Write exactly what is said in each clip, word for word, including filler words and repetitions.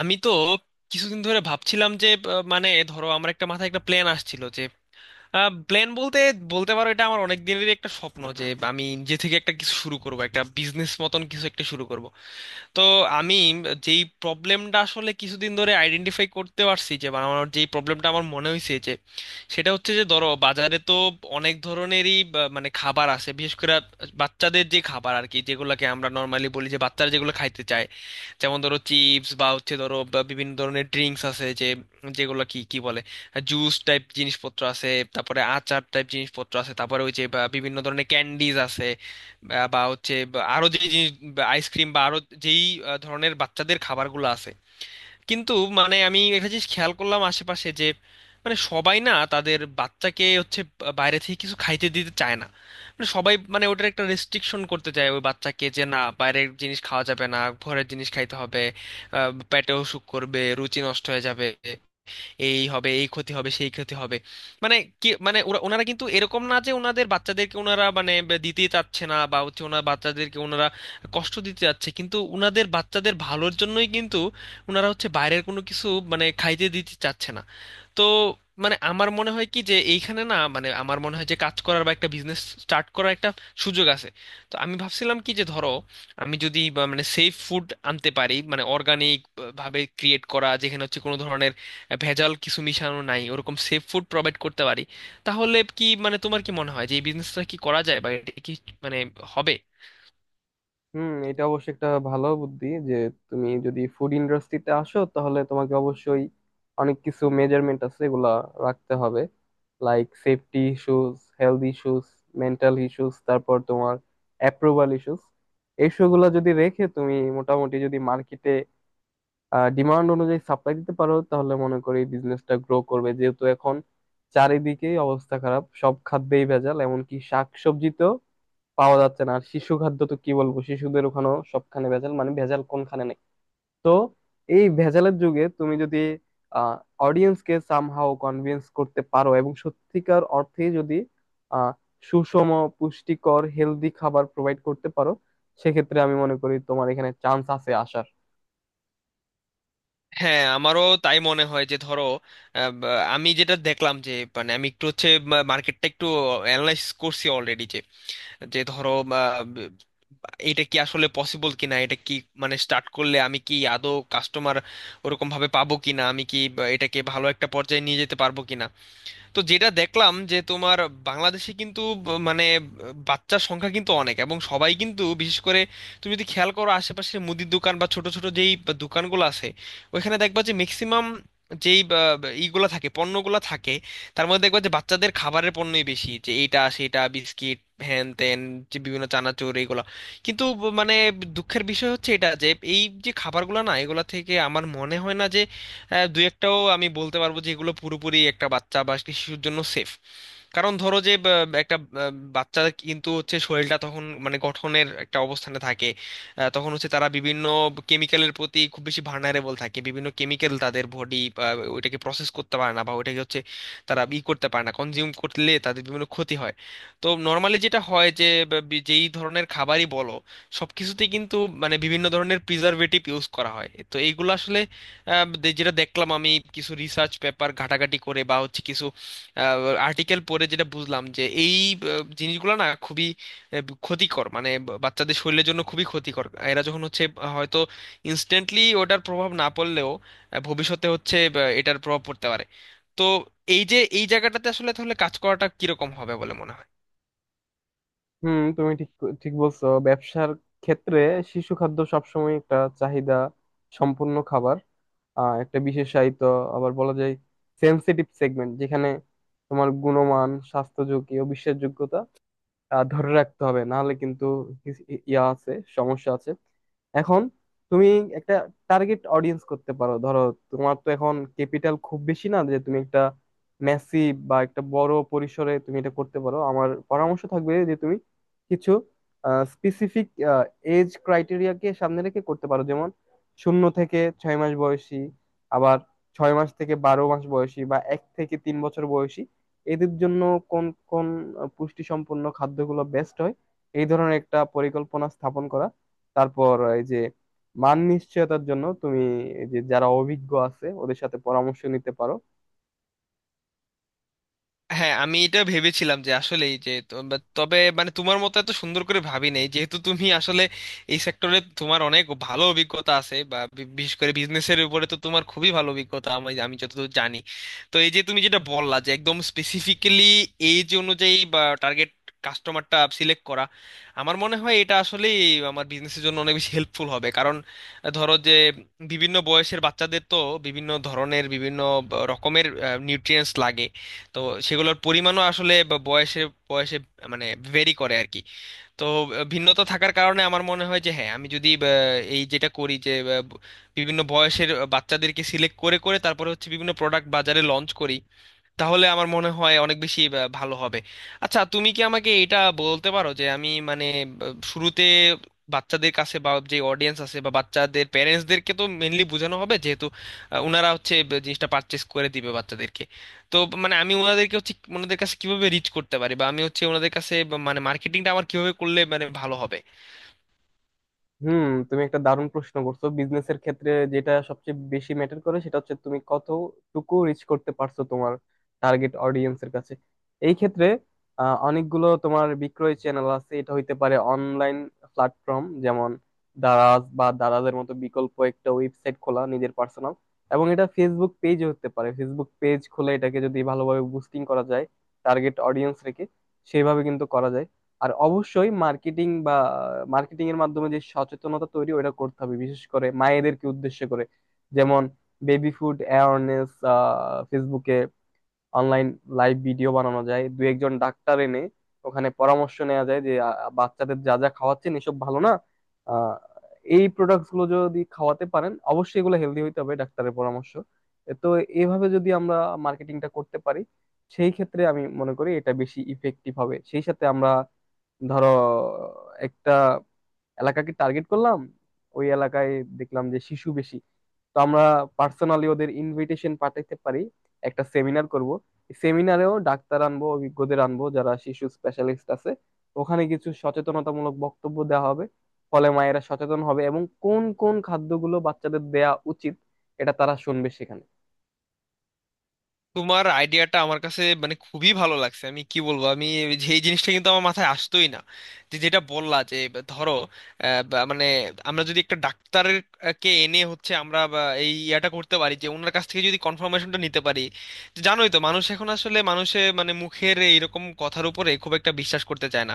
আমি তো কিছুদিন ধরে ভাবছিলাম যে আহ, মানে ধরো আমার একটা মাথায় একটা প্ল্যান আসছিল যে প্ল্যান বলতে বলতে পারো এটা আমার অনেক দিনেরই একটা স্বপ্ন যে আমি নিজে থেকে একটা কিছু শুরু করব, একটা বিজনেস মতন কিছু একটা শুরু করব। তো আমি যেই প্রবলেমটা আসলে কিছুদিন ধরে আইডেন্টিফাই করতে পারছি, যে বা আমার যেই প্রবলেমটা আমার মনে হয়েছে যে সেটা হচ্ছে যে ধরো বাজারে তো অনেক ধরনেরই বা, মানে খাবার আছে, বিশেষ করে বাচ্চাদের যে খাবার আর কি, যেগুলোকে আমরা নর্মালি বলি যে বাচ্চারা যেগুলো খাইতে চায়। যেমন ধরো চিপস বা হচ্ছে ধরো বা বিভিন্ন ধরনের ড্রিঙ্কস আছে যে, যেগুলো কি কি বলে, জুস টাইপ জিনিসপত্র আছে, তারপরে আচার টাইপ জিনিসপত্র আছে, তারপরে ওই যে বা বিভিন্ন ধরনের ক্যান্ডিজ আছে, বা বা হচ্ছে বা আরো যে জিনিস আইসক্রিম বা ice cream বা আরো যেই আহ, ধরনের বাচ্চাদের খাবারগুলো আছে। কিন্তু মানে আমি একটা জিনিস খেয়াল করলাম আশেপাশে, যে মানে সবাই না তাদের বাচ্চাকে হচ্ছে বা- বাইরে থেকে কিছু খাইতে দিতে চায় না। মানে সবাই মানে ওটার একটা রেস্ট্রিকশন করতে চায় ওই বাচ্চাকে, যে না, বাইরের জিনিস খাওয়া যাবে না, ঘরের জিনিস খাইতে হবে। আহ, পেটে অসুখ করবে, রুচি নষ্ট হয়ে যাবে, এই হবে, এই ক্ষতি হবে, সেই ক্ষতি হবে। মানে কি মানে ওরা ওনারা কিন্তু এরকম না যে ওনাদের বাচ্চাদেরকে ওনারা মানে বে- দিতেই চাচ্ছে না বা হচ্ছে ওনার বাচ্চাদেরকে ওনারা কষ্ট দিতে চাচ্ছে, কিন্তু ওনাদের বাচ্চাদের ভালোর জন্যই কিন্তু ওনারা হচ্ছে বাইরের কোনো কিছু মানে খাইতে দিতে চাচ্ছে না। তো মানে আমার মনে হয় কি যে এইখানে না মানে আমার মনে হয় যে কাজ করার বা একটা বিজনেস স্টার্ট করার একটা সুযোগ আছে। তো আমি ভাবছিলাম কি যে ধরো আমি যদি বা মানে সেফ ফুড আনতে পারি, মানে অর্গানিক ভাবে ক্রিয়েট করা যেখানে হচ্ছে কোনো ধরনের ভেজাল কিছু মিশানো নাই, ওরকম সেফ ফুড প্রোভাইড করতে পারি, তাহলে কি মানে তোমার কি মনে হয় যে এই বিজনেসটা কি করা যায়, বা এটা কি মানে হবে? হুম এটা অবশ্যই একটা ভালো বুদ্ধি যে তুমি যদি ফুড ইন্ডাস্ট্রিতে আসো, তাহলে তোমাকে অবশ্যই অনেক কিছু মেজারমেন্ট আছে এগুলা রাখতে হবে। Like safety issues, health issues, mental issues, তারপর তোমার অ্যাপ্রুভাল ইস্যুস। এইসবগুলা যদি রেখে তুমি মোটামুটি যদি মার্কেটে ডিমান্ড অনুযায়ী সাপ্লাই দিতে পারো, তাহলে মনে করি বিজনেসটা গ্রো করবে। যেহেতু এখন চারিদিকেই অবস্থা খারাপ, সব খাদ্যেই ভেজাল, এমনকি শাক সবজিতেও পাওয়া যাচ্ছে না। আর শিশু খাদ্য তো কি বলবো, শিশুদের ওখানেও সবখানে ভেজাল, মানে ভেজাল কোনখানে নেই। তো এই ভেজালের যুগে তুমি যদি আহ অডিয়েন্সকে সামহাও কনভিন্স করতে পারো এবং সত্যিকার অর্থে যদি আহ সুষম পুষ্টিকর হেলদি খাবার প্রোভাইড করতে পারো, সেক্ষেত্রে আমি মনে করি তোমার এখানে চান্স আছে আসার। হ্যাঁ, আমারও তাই মনে হয় যে ধরো আহ, বা- আমি যেটা দেখলাম যে মানে আমি একটু হচ্ছে মার্কেটটা একটু অ্যানালাইসিস করছি অলরেডি, যে যে ধরো আহ, এটা কি আসলে পসিবল কিনা, এটা কি মানে স্টার্ট করলে আমি কি আদৌ কাস্টমার ওরকম ভাবে পাবো কিনা, আমি কি বা এটাকে ভালো একটা পর্যায়ে নিয়ে যেতে পারবো কিনা। তো যেটা দেখলাম যে তোমার বাংলাদেশে কিন্তু ব- মানে ব- বাচ্চার সংখ্যা কিন্তু অনেক, এবং সবাই কিন্তু বিশেষ করে তুমি যদি খেয়াল করো আশেপাশে মুদির দোকান বা ছোট ছোট যেই বা দোকানগুলো আছে, ওইখানে দেখবা যে ম্যাক্সিমাম যেই বা বা ইগুলা থাকে, পণ্যগুলা থাকে, তার মধ্যে দেখবা যে বাচ্চাদের খাবারের পণ্যই বেশি, যে এইটা সেটা বিস্কিট হ্যান ত্যান, যে বিভিন্ন চানাচুর এইগুলা। কিন্তু ব- মানে দুঃখের বিষয় হচ্ছে এটা যে এই যে খাবারগুলো না, এগুলা থেকে আমার মনে হয় না যে হ্যাঁ দুই একটাও আমি বলতে পারবো যে এগুলো পুরোপুরি একটা বাচ্চা বা শিশুর জন্য সেফ। কারণ ধরো যে বা- একটা আহ, বাচ্চা কিন্তু হচ্ছে শরীরটা তখন মানে গঠনের একটা অবস্থানে থাকে। আহ, তখন হচ্ছে তারা বিভিন্ন কেমিক্যালের প্রতি খুব বেশি ভার্নারেবল থাকে, বিভিন্ন কেমিক্যাল তাদের বডি ওইটাকে প্রসেস করতে পারে না, বা ওইটাকে হচ্ছে তারা ই করতে পারে না, কনজিউম করলে তাদের বিভিন্ন ক্ষতি হয়। তো নর্মালি যেটা হয় যে বা বি- যেই ধরনের খাবারই বলো, সব কিছুতেই কিন্তু মানে বিভিন্ন ধরনের প্রিজারভেটিভ ইউজ করা হয়। তো এইগুলো আসলে আহ, দে- যেটা দেখলাম আমি কিছু রিসার্চ পেপার ঘাটাঘাটি করে, বা হচ্ছে কিছু আর্টিকেল পড়ে যেটা বুঝলাম যে এই আহ, জিনিসগুলো না খুবই আহ, ক্ষতিকর, মানে বা- বাচ্চাদের শরীরের জন্য খুবই ক্ষতিকর। এরা যখন হচ্ছে আহ, হয়তো ইনস্ট্যান্টলি ওটার প্রভাব না পড়লেও আহ, ভবিষ্যতে হচ্ছে আহ, এটার প্রভাব পড়তে পারে। তো এই যে এই জায়গাটাতে আসলে তাহলে কাজ করাটা কিরকম হবে বলে মনে হয়? হুম তুমি ঠিক ঠিক বলছো। ব্যবসার ক্ষেত্রে শিশু খাদ্য সবসময় একটা চাহিদা সম্পূর্ণ খাবার, আহ, একটা বিশেষায়িত, আবার বলা যায় সেনসিটিভ সেগমেন্ট, যেখানে তোমার গুণমান, স্বাস্থ্য ঝুঁকি ও বিশ্বাসযোগ্যতা আহ, ধরে রাখতে হবে। নাহলে কিন্তু কিস- ইয়া আছে, সমস্যা আছে। এখন তুমি একটা টার্গেট অডিয়েন্স করতে পারো। ধরো, তোমার তো এখন ক্যাপিটাল খুব বেশি না যে তুমি একটা মেসি বা একটা বড় পরিসরে তুমি এটা করতে পারো। আমার পরামর্শ থাকবে যে তুমি কিছু স্পেসিফিক এজ ক্রাইটেরিয়াকে সামনে রেখে করতে পারো। যেমন শূন্য থেকে ছয় মাস বয়সী, আবার ছয় মাস থেকে বারো মাস বয়সী, বা এক থেকে তিন বছর বয়সী। এদের জন্য কোন কোন পুষ্টি সম্পন্ন খাদ্যগুলো বেস্ট হয়, এই ধরনের একটা পরিকল্পনা স্থাপন করা। তারপর এই যে মান নিশ্চয়তার জন্য তুমি এই যে যারা অভিজ্ঞ আছে ওদের সাথে পরামর্শ নিতে পারো। হ্যাঁ, আমি এটা ভেবেছিলাম যে আসলেই যে তো- বা- তবে মানে তোমার মতো এত সুন্দর করে ভাবি নাই, যেহেতু তুমি আসলে এই সেক্টরে তোমার অনেক ভালো অভিজ্ঞতা আছে, বা বি- বিশেষ করে বিজনেসের উপরে তো তোমার খুবই ভালো অভিজ্ঞতা আমি আমি যতদূর জানি। তো এই যে তুমি যেটা বললা যে একদম স্পেসিফিক্যালি এজ অনুযায়ী বা টার্গেট কাস্টমারটা সিলেক্ট করা, আমার মনে হয় এটা আসলে আমার বিজনেসের জন্য অনেক বেশি হেল্পফুল হবে। কারণ ধরো যে বিভিন্ন বয়সের বাচ্চাদের তো বিভিন্ন ধরনের, বিভিন্ন ব- রকমের নিউট্রিয়েন্টস লাগে। তো সেগুলোর পরিমাণও আসলে ব- বয়সে বয়সে মানে ভেরি করে আর কি। তো আহ, ভিন্নতা থাকার কারণে আমার মনে হয় যে হ্যাঁ, আমি যদি আহ, এই যেটা করি যে আহ, ব- বিভিন্ন বয়সের আহ, বাচ্চাদেরকে সিলেক্ট করে করে তারপরে হচ্ছে বিভিন্ন প্রোডাক্ট বাজারে লঞ্চ করি, তাহলে আমার মনে হয় অনেক বেশি আহ, ভালো হবে। আচ্ছা, তুমি কি আমাকে এটা বলতে পারো যে আমি মানে আহ, শুরুতে বাচ্চাদের কাছে বা যে অডিয়েন্স আছে বা বাচ্চাদের প্যারেন্টসদেরকে তো মেনলি বোঝানো হবে, যেহেতু আহ, ওনারা হচ্ছে ব- জিনিসটা পারচেস করে দিবে বাচ্চাদেরকে, তো মানে আমি ওনাদেরকে হচ্ছে ওনাদের কাছে কিভাবে রিচ করতে পারি, বা আমি হচ্ছে ওনাদের কাছে বা মানে মার্কেটিংটা আমার কিভাবে করলে মানে ভালো হবে? হুম তুমি একটা দারুণ প্রশ্ন করছো। বিজনেসের ক্ষেত্রে যেটা সবচেয়ে বেশি ম্যাটার করে, সেটা হচ্ছে তুমি কতটুকু রিচ করতে পারছো তোমার টার্গেট অডিয়েন্সের কাছে। এই ক্ষেত্রে আহ, অনেকগুলো তোমার বিক্রয় চ্যানেল আছে। এটা হইতে পারে অনলাইন প্ল্যাটফর্ম, যেমন দারাজ বা দারাজের মতো বিকল্প একটা ওয়েবসাইট খোলা নিজের পার্সোনাল, এবং এটা ফেসবুক পেজ হতে পারে। ফেসবুক পেজ খুলে এটাকে যদি ভালোভাবে বুস্টিং করা যায় টার্গেট অডিয়েন্স রেখে, সেভাবে কিন্তু করা যায়। আর অবশ্যই মার্কেটিং বা মার্কেটিং এর মাধ্যমে যে সচেতনতা তৈরি ওটা করতে হবে, বিশেষ করে মায়েদেরকে উদ্দেশ্য করে। যেমন বেবি ফুড অ্যাওয়ারনেস ফেসবুকে, অনলাইন লাইভ ভিডিও বানানো যায় দু একজন ডাক্তার এনে। ওখানে পরামর্শ নেওয়া যায় যে আহ, বাচ্চাদের যা যা খাওয়াচ্ছেন এসব ভালো না, আহ, এই প্রোডাক্টস গুলো যদি খাওয়াতে পারেন, অবশ্যই এগুলো হেলদি হইতে হবে, ডাক্তারের পরামর্শ। তো এইভাবে যদি আমরা মার্কেটিংটা করতে পারি, সেই ক্ষেত্রে আমি মনে করি এটা বেশি ইফেক্টিভ হবে। সেই সাথে আমরা ধরো একটা এলাকাকে টার্গেট করলাম, ওই এলাকায় দেখলাম যে শিশু বেশি, তো আমরা পার্সোনালি ওদের ইনভিটেশন পাঠাইতে পারি। একটা সেমিনার করব, সেমিনারেও ডাক্তার আনবো, অভিজ্ঞদের আনবো যারা শিশু স্পেশালিস্ট আছে। ওখানে কিছু সচেতনতামূলক বক্তব্য দেওয়া হবে, ফলে মায়েরা সচেতন হবে এবং কোন কোন খাদ্যগুলো বাচ্চাদের দেয়া উচিত এটা তারা শুনবে সেখানে। তোমার আইডিয়াটা আমার কাছে মানে খুবই ভালো লাগছে। আমি কি বলবো আমি, যে এই জিনিসটা কিন্তু আমার মাথায় আসতোই না, যে যেটা বললা যে ধরো আহ, বা মানে আমরা যদি একটা ডাক্তারের আহ, কে এনে হচ্ছে আমরা বা এই ইয়াটা করতে পারি যে ওনার কাছ থেকে যদি কনফার্মেশনটা নিতে পারি। যে জানোই তো, মানুষ এখন আসলে মানুষে মানে মুখের এইরকম কথার উপরে খুব একটা বিশ্বাস করতে চায় না,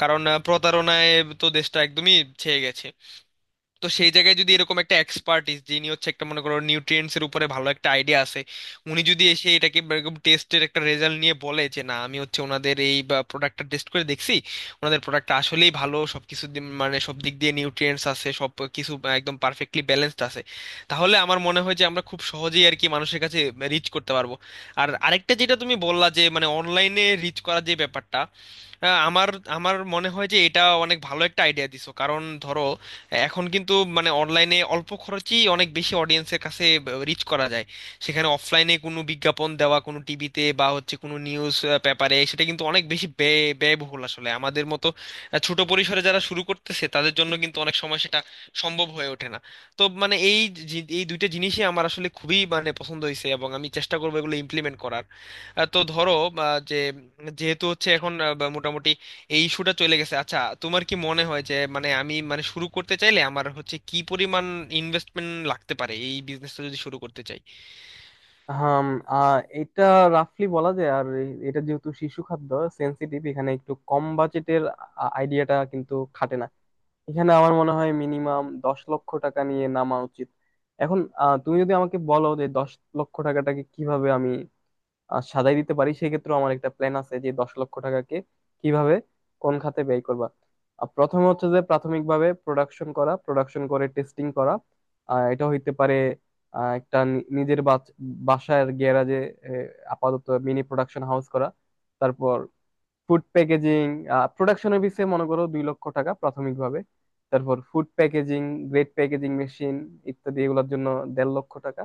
কারণ আহ, প্রতারণায় তো দেশটা একদমই ছেয়ে গেছে। তো সেই জায়গায় যদি এরকম একটা এক্সপার্টিস, যিনি হচ্ছে একটা মনে করো নিউট্রিয়েন্টস এর উপরে ভালো একটা আইডিয়া আছে, উনি যদি এসে এটাকে এরকম টেস্টের একটা রেজাল্ট নিয়ে বলে যে না, আমি হচ্ছে ওনাদের এই প্রোডাক্টটা টেস্ট করে দেখছি, ওনাদের প্রোডাক্টটা আসলেই ভালো, সবকিছু দিক মানে সব দিক দিয়ে নিউট্রিয়েন্টস আছে, সব কিছু একদম পারফেক্টলি ব্যালেন্সড আছে, তাহলে আমার মনে হয় যে আমরা খুব সহজেই আর কি মানুষের কাছে রিচ করতে পারবো। আর আরেকটা যেটা তুমি বললা যে মানে অনলাইনে রিচ করার যে ব্যাপারটা, আহ, আমার আমার মনে হয় যে এটা অনেক ভালো একটা আইডিয়া দিছো। কারণ ধরো এখন কিন্তু মানে অনলাইনে অল্প খরচেই অনেক বেশি অডিয়েন্সের কাছে রিচ করা যায়। সেখানে অফলাইনে কোনো বিজ্ঞাপন দেওয়া কোনো টিভিতে বা হচ্ছে কোনো নিউজ পেপারে, সেটা কিন্তু অনেক বেশি ব্যয় ব্যয়বহুল। আসলে আমাদের মতো আহ, ছোট পরিসরে যারা শুরু করতেছে তাদের জন্য কিন্তু অনেক সময় সেটা সম্ভব হয়ে ওঠে না। তো মানে এই জি- এই দুইটা জিনিসই আমার আসলে খুবই মানে পছন্দ হয়েছে, এবং আমি চেষ্টা করবো এগুলো ইমপ্লিমেন্ট করার। আহ, তো ধরো আহ, যে যেহেতু হচ্ছে এখন আহ, বা মোটামুটি এই ইস্যুটা চলে গেছে, আচ্ছা, তোমার কি মনে হয় যে মানে আমি মানে শুরু করতে চাইলে আমার হচ্ছে কি পরিমাণ ইনভেস্টমেন্ট লাগতে পারে এই বিজনেসটা যদি শুরু করতে চাই? হাম আহ, এটা রাফলি বলা যায়। আর এ- এটা যেহেতু শিশু খাদ্য সেনসিটিভ, এখানে একটু কম বাজেটের আইডিয়াটা কিন্তু খাটে না। এখানে আমার মনে হয় মিনিমাম দশ লক্ষ টাকা নিয়ে নামা উচিত। এখন আহ, তুমি যদি আমাকে বলো যে দশ লক্ষ টাকাটাকে কিভাবে আমি আহ সাজাই দিতে পারি, সেক্ষেত্রে আমার একটা প্ল্যান আছে যে দশ লক্ষ টাকাকে কিভাবে কোন খাতে ব্যয় করবা। আহ, প্রথমে হচ্ছে যে প্রাথমিকভাবে প্রোডাকশন করা, প্রোডাকশন করে টেস্টিং করা। আহ, এটা হইতে পারে আহ, একটা নি- নিজের বাচ- বাসার গ্যারাজে আপাতত মিনি প্রোডাকশন হাউস করা। তারপর ফুড প্যাকেজিং, প্রোডাকশনের পিছে মনে করো দুই লক্ষ টাকা প্রাথমিকভাবে। তারপর food packaging, grade packaging machine ইত্যাদি, এগুলোর জন্য দেড় লক্ষ টাকা।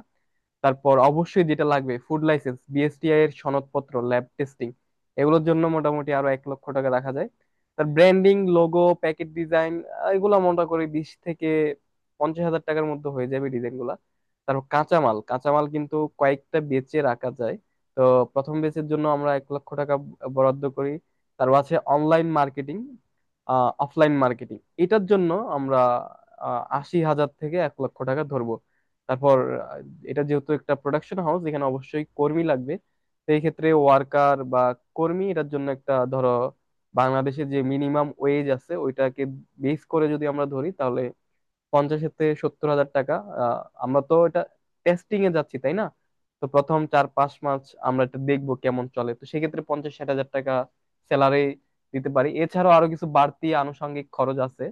তারপর অবশ্যই যেটা লাগবে ফুড লাইসেন্স, বিএসটিআই এর সনদপত্র, ল্যাব টেস্টিং, এগুলোর জন্য মোটামুটি আরো এক লক্ষ টাকা রাখা যায়। তার ব্র্যান্ডিং, লোগো, প্যাকেট ডিজাইন, এগুলো মোটা করে বিশ থেকে পঞ্চাশ হাজার টাকার মধ্যে হয়ে যাবে ডিজাইন গুলা। তারপর কাঁচামাল, কাঁচামাল কিন্তু কয়েকটা বেচে রাখা যায়। তো প্রথম বেচের জন্য আমরা এক লক্ষ টাকা বরাদ্দ করি। তারপর আছে অনলাইন মার্কেটিং, অফলাইন মার্কেটিং, এটার জন্য আমরা আহ, আশি হাজার থেকে এক লক্ষ টাকা ধরবো। তারপর আহ, এটা যেহেতু একটা প্রোডাকশন হাউস, এখানে অবশ্যই কর্মী লাগবে। সেই ক্ষেত্রে ওয়ার্কার বা কর্মী, এটার জন্য একটা ধরো বাংলাদেশে যে মিনিমাম ওয়েজ আছে ওইটাকে বেস করে যদি আমরা ধরি, তাহলে পঞ্চাশেতে সত্তর হাজার টাকা। আহ, আমরা তো এটা টেস্টিং এ যাচ্ছি, তাই না? তো প্রথম চার পাঁচ মাস আমরা এটা দেখবো কেমন চলে, তো সেক্ষেত্রে পঞ্চাশ ষাট হাজার টাকা স্যালারি দিতে পারি। এছাড়াও আরো কিছু বাড়তি আনুষঙ্গিক খরচ আছে।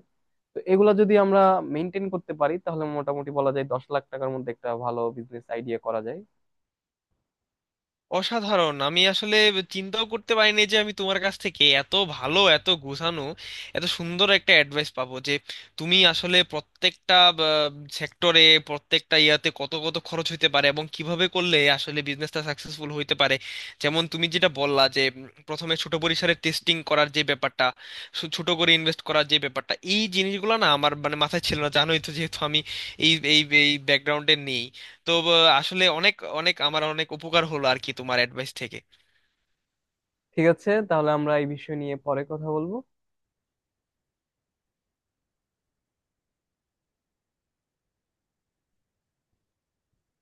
তো এগুলা যদি আমরা মেনটেন করতে পারি, তাহলে মোটামুটি বলা যায় দশ লাখ টাকার মধ্যে একটা ভালো বিজনেস আইডিয়া করা যায়। অসাধারণ! আমি আসলে চিন্তাও করতে পারিনি যে আমি তোমার কাছ থেকে এত ভালো, এত গুছানো, এত সুন্দর একটা অ্যাডভাইস পাবো, যে তুমি আসলে প্রত্যেকটা সেক্টরে প্রত্যেকটা ইয়াতে কত কত খরচ হইতে পারে এবং কিভাবে করলে আসলে বিজনেসটা সাকসেসফুল হইতে পারে। যেমন তুমি যেটা বললা যে উম, প্রথমে ছোট পরিসরে টেস্টিং করার যে ব্যাপারটা, সু- ছোট করে ইনভেস্ট করার যে ব্যাপারটা, এই জিনিসগুলো না আমার মানে মাথায় ছিল না, জানোই তো যেহেতু আমি এই এই এই ব্যাকগ্রাউন্ডে নেই। তো ব- আসলে অনেক অনেক আমার অনেক উপকার হলো আর কি তোমার অ্যাডভাইস থেকে। ঠিক আছে, তাহলে আমরা এই বিষয় নিয়ে পরে কথা বলবো।